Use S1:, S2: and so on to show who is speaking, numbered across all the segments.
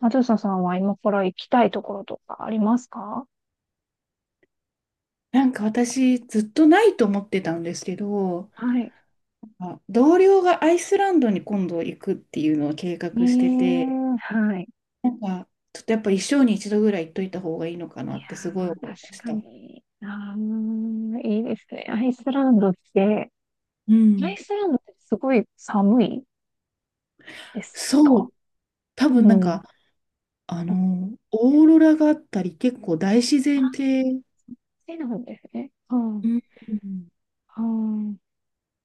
S1: あずささんは今から行きたいところとかありますか？
S2: なんか私ずっとないと思ってたんですけど、
S1: はい。
S2: あ、同僚がアイスランドに今度行くっていうのを計
S1: え
S2: 画してて、
S1: え、はい。
S2: なんかちょっとやっぱ一生に一度ぐらい行っといた方がいいのか
S1: い
S2: な
S1: や
S2: ってすごい思
S1: ー、
S2: いま
S1: 確
S2: し
S1: か
S2: た。
S1: に。あー、いいですね。アイスランドって、
S2: う
S1: アイ
S2: ん。
S1: スランドってすごい寒いです
S2: そ
S1: か
S2: う、多分なん
S1: うん。
S2: か、
S1: こっ
S2: オーロラがあったり結構大自然系。
S1: ちなんですね。うん。
S2: うん。い
S1: うん。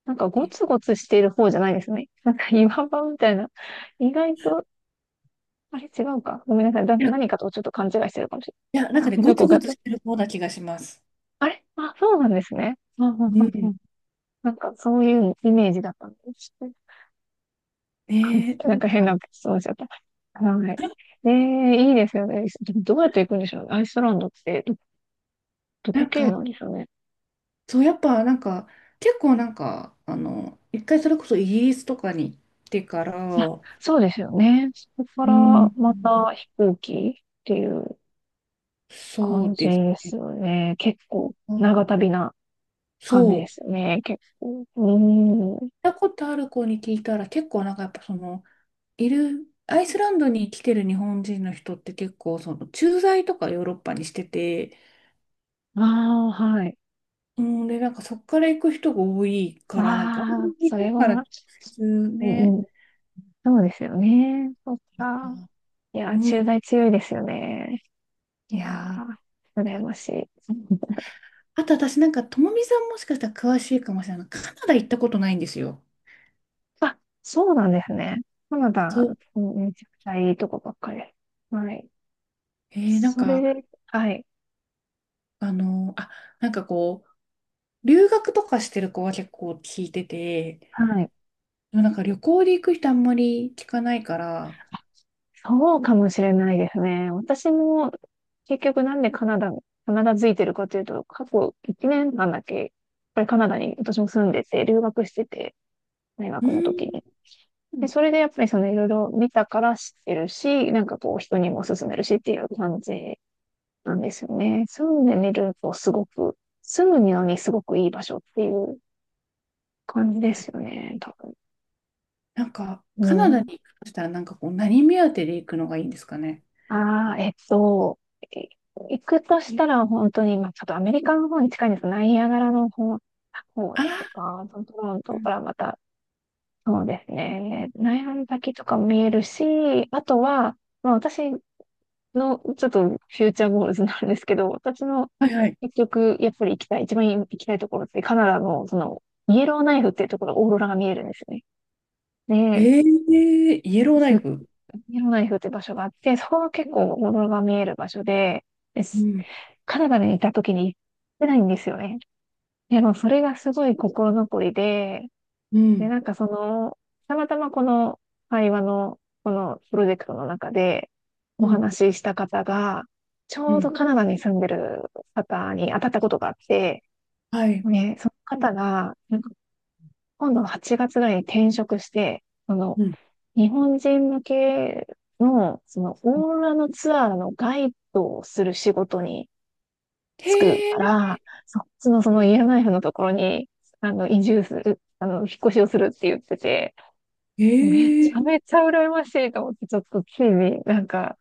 S1: なんかゴツゴツしている方じゃないですね。なんか岩場みたいな。意外と、あれ違うか。ごめんなさい。
S2: や、
S1: 何
S2: い
S1: かとちょっと勘違いしてるかもし
S2: や、
S1: れ
S2: なん
S1: な
S2: か
S1: い。
S2: ね、ゴ
S1: ど
S2: ツ
S1: こ
S2: ゴ
S1: か
S2: ツ
S1: と。
S2: してる方な気がします。
S1: あれあ、そうなんですね。うんうん
S2: う
S1: うんう
S2: ん。
S1: ん、なんかそういうイメージだったんです。
S2: ねえ、
S1: な
S2: な
S1: ん
S2: ん
S1: か変な
S2: か、
S1: 質問しちゃった。はい。ええ、いいですよね。でもどうやって行くんでしょうね。アイスランドってど、ど
S2: な
S1: こ
S2: ん
S1: 経由
S2: か、
S1: なんでしょうね。
S2: そう、やっぱなんか、結構なんか、一回それこそイギリスとかに行ってから。
S1: あ、そうですよね。そこか
S2: うん。
S1: らまた飛行機っていう
S2: そ
S1: 感
S2: う
S1: じ
S2: です
S1: です
S2: ね。
S1: よね。結構
S2: うん、
S1: 長旅な感じ
S2: そ
S1: で
S2: う。
S1: すよね。結構。うーん。
S2: 行ったことある子に聞いたら結構なんかやっぱその、いる、アイスランドに来てる日本人の人って結構その駐在とかヨーロッパにしてて、
S1: ああ、はい。
S2: うんでなんかそっから行く人が多いからなんか、
S1: ああ、
S2: 日
S1: それ
S2: 本から直
S1: は、
S2: 接
S1: う
S2: ね。
S1: ん、そうですよね。そっか。いや
S2: う
S1: ー、
S2: ん、
S1: 駐在強いですよね。い
S2: い
S1: や
S2: やー、
S1: ー、羨ましい。
S2: あと私なんか、ともみさんもしかしたら詳しいかもしれない。カナダ行ったことないんですよ。
S1: あ、そうなんですね。カナ
S2: そ
S1: ダ、
S2: う。
S1: めちゃくちゃいいとこばっかりです。はい。
S2: えー、なん
S1: それ
S2: か、
S1: で、はい。
S2: あのーあ、なんかこう、留学とかしてる子は結構聞いてて、
S1: はい。
S2: でもなんか旅行で行く人あんまり聞かないから。
S1: そうかもしれないですね。私も、結局なんでカナダ付いてるかというと、過去1年間だけ、やっぱりカナダに私も住んでて、留学してて、大
S2: うー
S1: 学の時に。
S2: ん、
S1: で、それでやっぱりそのいろいろ見たから知ってるし、なんかこう人にも勧めるしっていう感じなんですよね。住んでみるとすごく、住むのにすごくいい場所っていう感じですよね、多
S2: なんか、
S1: 分。
S2: カナダ
S1: う
S2: に
S1: ん。
S2: 行くとしたらなんかこう、何目当てで行くのがいいんですかね。
S1: ああ、い行くとしたら本当に、まあちょっとアメリカの方に近いんですが、ナイアガラの方
S2: あ
S1: とか、トロン
S2: ー、う
S1: ト
S2: ん、
S1: からまた、そうですね、ナイアガラの滝とかも見えるし、あとは、まあ、私、の、ちょっとフューチャーゴールズなんですけど、私の
S2: はいはい。
S1: 結局、やっぱり行きたい、一番行きたいところって、カナダの、その、イエローナイフっていうところ、オーロラが見えるんですよ
S2: え
S1: ね。で、
S2: ー、イエローナ
S1: す
S2: イフ。
S1: イエローナイフって場所があって、そこが結構オーロラが見える場所で、で
S2: う
S1: す
S2: ん、
S1: カナダにいた時に行ってないんですよね。でも、それがすごい心残りで、
S2: う
S1: で、
S2: ん、
S1: なんかその、たまたまこの会話の、このプロジェクトの中でお
S2: うん、
S1: 話しした方が、ち
S2: う
S1: ょうど
S2: ん。
S1: カナダに住んでる方に当たったことがあって、
S2: はい。
S1: ね、その方が、なんか今度8月ぐらいに転職して、その、
S2: うん。
S1: 日本人向けの、その、
S2: うん、
S1: オーロラのツアーのガイドをする仕事に
S2: へ
S1: 就く
S2: え。
S1: から、そっちのそ
S2: う
S1: のイ
S2: ん、
S1: エローナイフのところに、あの、移住する、あの、引っ越しをするって言ってて、め
S2: へ
S1: ち
S2: え。
S1: ゃめちゃ羨ましいと思って、ちょっとついになんか、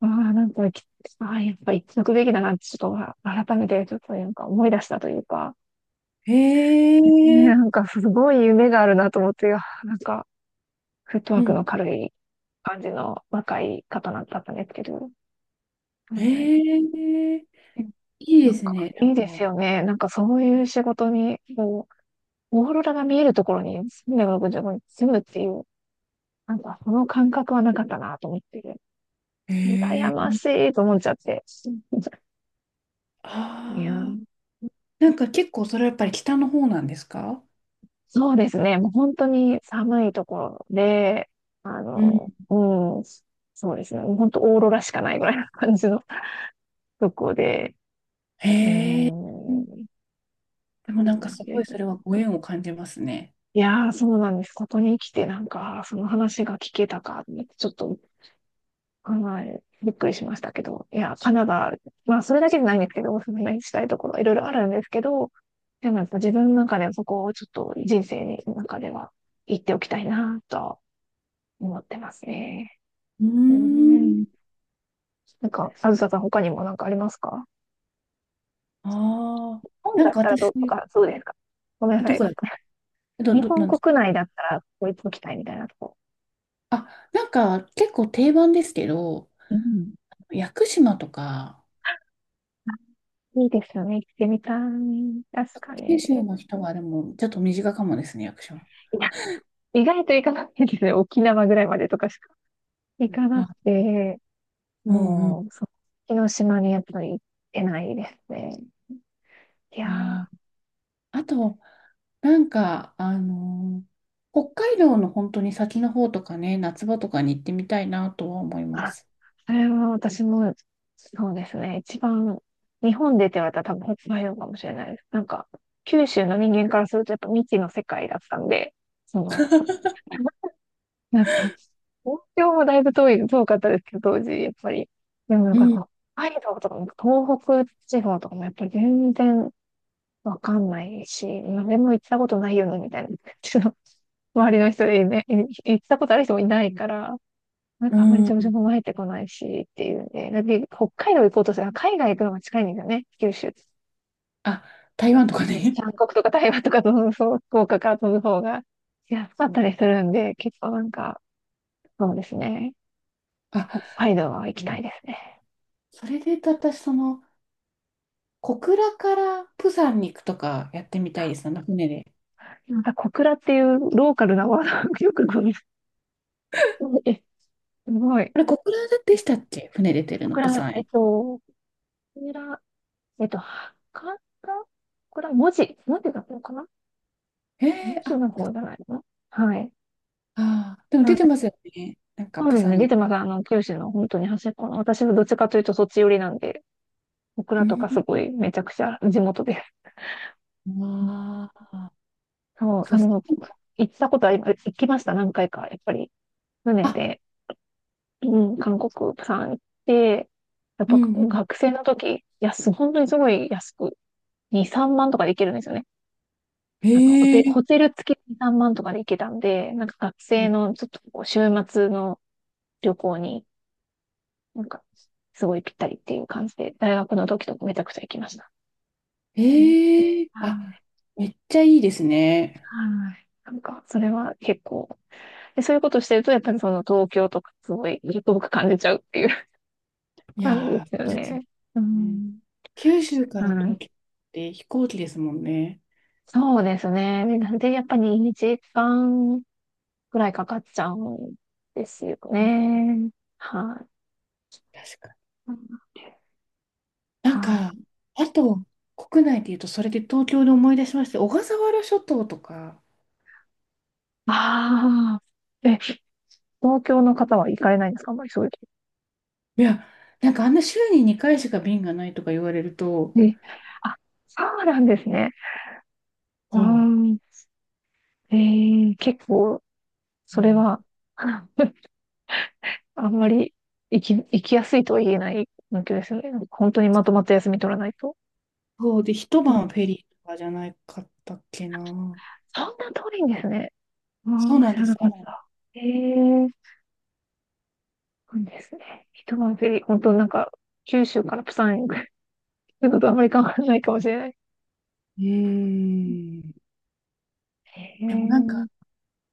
S1: ああ、なんか、ああ、やっぱ行っとくべきだなって、ちょっと改めてちょっとなんか思い出したというか、
S2: へ
S1: ね、な
S2: え、
S1: んかすごい夢があるなと思って、いや、なんか、フットワ
S2: う
S1: ーク
S2: ん、
S1: の軽い感じの若い方だったんですけど、うん、はい、
S2: へえ、
S1: え
S2: いい
S1: な
S2: で
S1: ん
S2: す
S1: か、
S2: ね。
S1: いいで
S2: な
S1: す
S2: んか、
S1: よね。なんかそういう仕事に、こう、オーロラが見えるところに365日住むっていう、なんかその感覚はなかったなと思って。
S2: へ
S1: 羨
S2: え、
S1: ましいと思っちゃって。いや
S2: ああ、
S1: ー、
S2: なんか結構それはやっぱり北の方なんですか？
S1: そうですね。もう本当に寒いところで、あ
S2: うん。
S1: の、うん、そうですね。もう本当オーロラしかないぐらいの感じの とこで、う
S2: へえ、
S1: ん、
S2: うん、で
S1: そ
S2: も
S1: う
S2: なん
S1: な
S2: か
S1: ん
S2: すご
S1: で
S2: い
S1: す。
S2: それはご縁を感じますね。
S1: いやー、そうなんです。ここに来てなんか、その話が聞けたかって、ちょっとはい。びっくりしましたけど。いや、カナダ、まあ、それだけじゃないんですけど、おすすめしたいところ、いろいろあるんですけど、でもやっぱ自分の中ではそこをちょっと人生の中では行っておきたいなとは思ってますね。
S2: うー
S1: う
S2: ん。
S1: ん。なんか、あずささん、他にもなんかありますか
S2: ああ、
S1: 本
S2: な
S1: だ
S2: ん
S1: っ
S2: か
S1: たらど
S2: 私、
S1: うとか、そうですか。ごめんなさ
S2: ど
S1: い。
S2: こ
S1: なん
S2: だ、
S1: か 日本
S2: なんですか？
S1: 国内だったら、ここ行っときたいみたいなとこ。
S2: あ、なんか結構定番ですけど、
S1: うん。
S2: 屋久島とか。
S1: いいですよね。行ってみたい。確かに。
S2: 九
S1: い
S2: 州の人はでもちょっと身近かもですね、屋久島。
S1: や、意外と行かないですね。沖縄ぐらいまでとか行かなく
S2: あ、
S1: て、
S2: うんうん。
S1: もう、その島にやっぱり行ってないですね。いや
S2: あ
S1: ー、
S2: ー、あと、なんか、あのー、北海道の本当に先の方とかね、夏場とかに行ってみたいなとは思いま
S1: あ、
S2: す。
S1: それは私も、そうですね。一番、日本でって言われたら多分北海道かもしれないです。なんか、九州の人間からするとやっぱ未知の世界だったんで、その、なんか、東京もだいぶ遠かったですけど、当時、やっぱり。でもなん
S2: う
S1: か
S2: ん、
S1: こう、北海道とかも東北地方とかもやっぱり全然、わかんないし、誰も行ったことないよね、みたいな。ちょっと周りの人でね、行ったことある人もいないから、なんかあんまり
S2: う
S1: 情報
S2: ん。
S1: も入ってこないし、っていうんで、だって北海道行こうとしたら海外行くのが近いんですよね、九州。
S2: あ、台湾とかね。
S1: 韓国とか台湾とか飛ぶ、そう、福岡から飛ぶ方が安かったりするんで、結構なんか、そうですね。
S2: あ、
S1: 北海道は行きたいですね。
S2: それで言うと私、その、小倉から釜山に行くとかやってみたいですね、船で。
S1: なんか小倉っていうローカルなワードがよくごめん。すごい。
S2: あれ、小倉でしたっけ、船出てる
S1: 小
S2: の、釜
S1: 倉、
S2: 山
S1: えっ
S2: へ。
S1: と、小倉えっと、はかこれは文字だっのかな？
S2: へ
S1: 文
S2: え、
S1: 字
S2: あ、
S1: の方じゃないの？はい。
S2: あー、でも出て
S1: あ、
S2: ますよね。なんか、
S1: そう
S2: 釜
S1: ですね。
S2: 山
S1: 出
S2: に。
S1: てます。あの、九州の本当に端っこの。私はどっちかというとそっち寄りなんで、オク
S2: う
S1: ラと
S2: ん、
S1: かすごいめちゃくちゃ地元です。
S2: わあ、
S1: そう、
S2: そ
S1: あ
S2: うそ
S1: の、
S2: う。
S1: 行ったことは、行きました、何回か。やっぱり、船
S2: あ、
S1: で、うん、韓国、プサン行って、やっ
S2: うん、
S1: ぱ
S2: うん。
S1: 学生の時、本当にすごい安く、2、3万とかで行けるんですよね。
S2: へ
S1: あのホテ、
S2: え。
S1: ホテル付きで3万とかで行けたんで、なんか学生のちょっとこう週末の旅行に、なんかすごいぴったりっていう感じで、大学の時とかめちゃくちゃ行きました。うん、
S2: ええ、
S1: は
S2: あ、
S1: い、
S2: めっちゃいいですね。
S1: はい、なんか、それは結構、で、そういうことしてると、やっぱりその東京とかすごい、遠く感じちゃうっていう
S2: い
S1: 感じ
S2: やー、
S1: ですよ
S2: そうですよ
S1: ね。う
S2: ね。
S1: ん。
S2: 九州から
S1: は
S2: 東
S1: い。
S2: 京って飛行機ですもんね。
S1: そうですね。でなんで、やっぱり2時間ぐらいかかっちゃうんですよ
S2: うん、
S1: ね。はい。
S2: 確かに。な
S1: は
S2: ん
S1: い、
S2: か、あと、国内で言うと、それで東京で思い出しまして、小笠原諸島とか。
S1: ああ、え、東京の方は行かれないんですかあんまりそういうと。
S2: いや、なんかあんな週に2回しか便がないとか言われると。
S1: え、あ、そうなんですね。あ
S2: そ
S1: ー、結構、
S2: う。う
S1: それ
S2: ん、
S1: は、あんまり行きやすいとは言えない環境ですよね。なんか本当にまとまった休み取らないと。
S2: そうで、一
S1: うん、
S2: 晩フェリーとかじゃないかったっけな。
S1: そんな遠いんですね。あ
S2: そう
S1: あ、
S2: なん
S1: 知
S2: で
S1: ら
S2: す、
S1: な
S2: そ
S1: か
S2: う
S1: っ
S2: なんです。
S1: た。ええ、そうなんですね。一晩フェリー、本当なんか、九州からプサンへ行くのとあんまり変わらないかもしれない。
S2: うーん。
S1: へ
S2: でもなん
S1: え。
S2: か、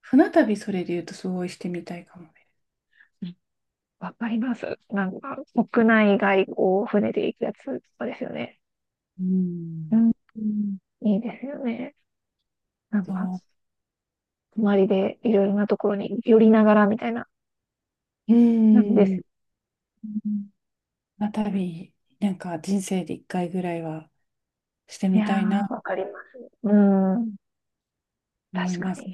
S2: 船旅それで言うとすごいしてみたいかもね。
S1: わかります。なんか、国内外こう、船で行くやつとかですよね。
S2: う
S1: う
S2: ん。
S1: ん。うん、いいですよね。なんか、
S2: そ
S1: 泊まりでいろいろなところに寄りながらみたいな
S2: う。う
S1: 感じです。
S2: ん。
S1: うん、
S2: 船旅、なんか人生で一回ぐらいはして
S1: い
S2: み
S1: や
S2: たいな
S1: ー、わかります。うん。
S2: 思い
S1: 確か
S2: ます。
S1: に。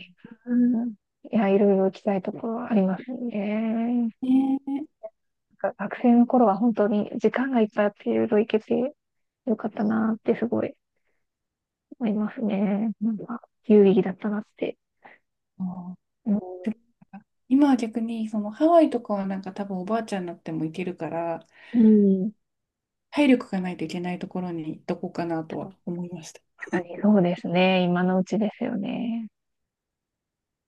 S1: うん。いや、いろいろ行きたいところはありますね。なん
S2: ねえ。
S1: か学生の頃は本当に時間がいっぱいあっていろいろ行けてよかったなってすごい思いますね。なんか、有意義だったなって。
S2: そう、
S1: うん。
S2: 今は逆に、そのハワイとかはなんか多分おばあちゃんになっても行けるから、
S1: うん。
S2: 体力がないといけないところに行っとこうかなとは思いました。
S1: 確かにそうですね。今のうちですよね。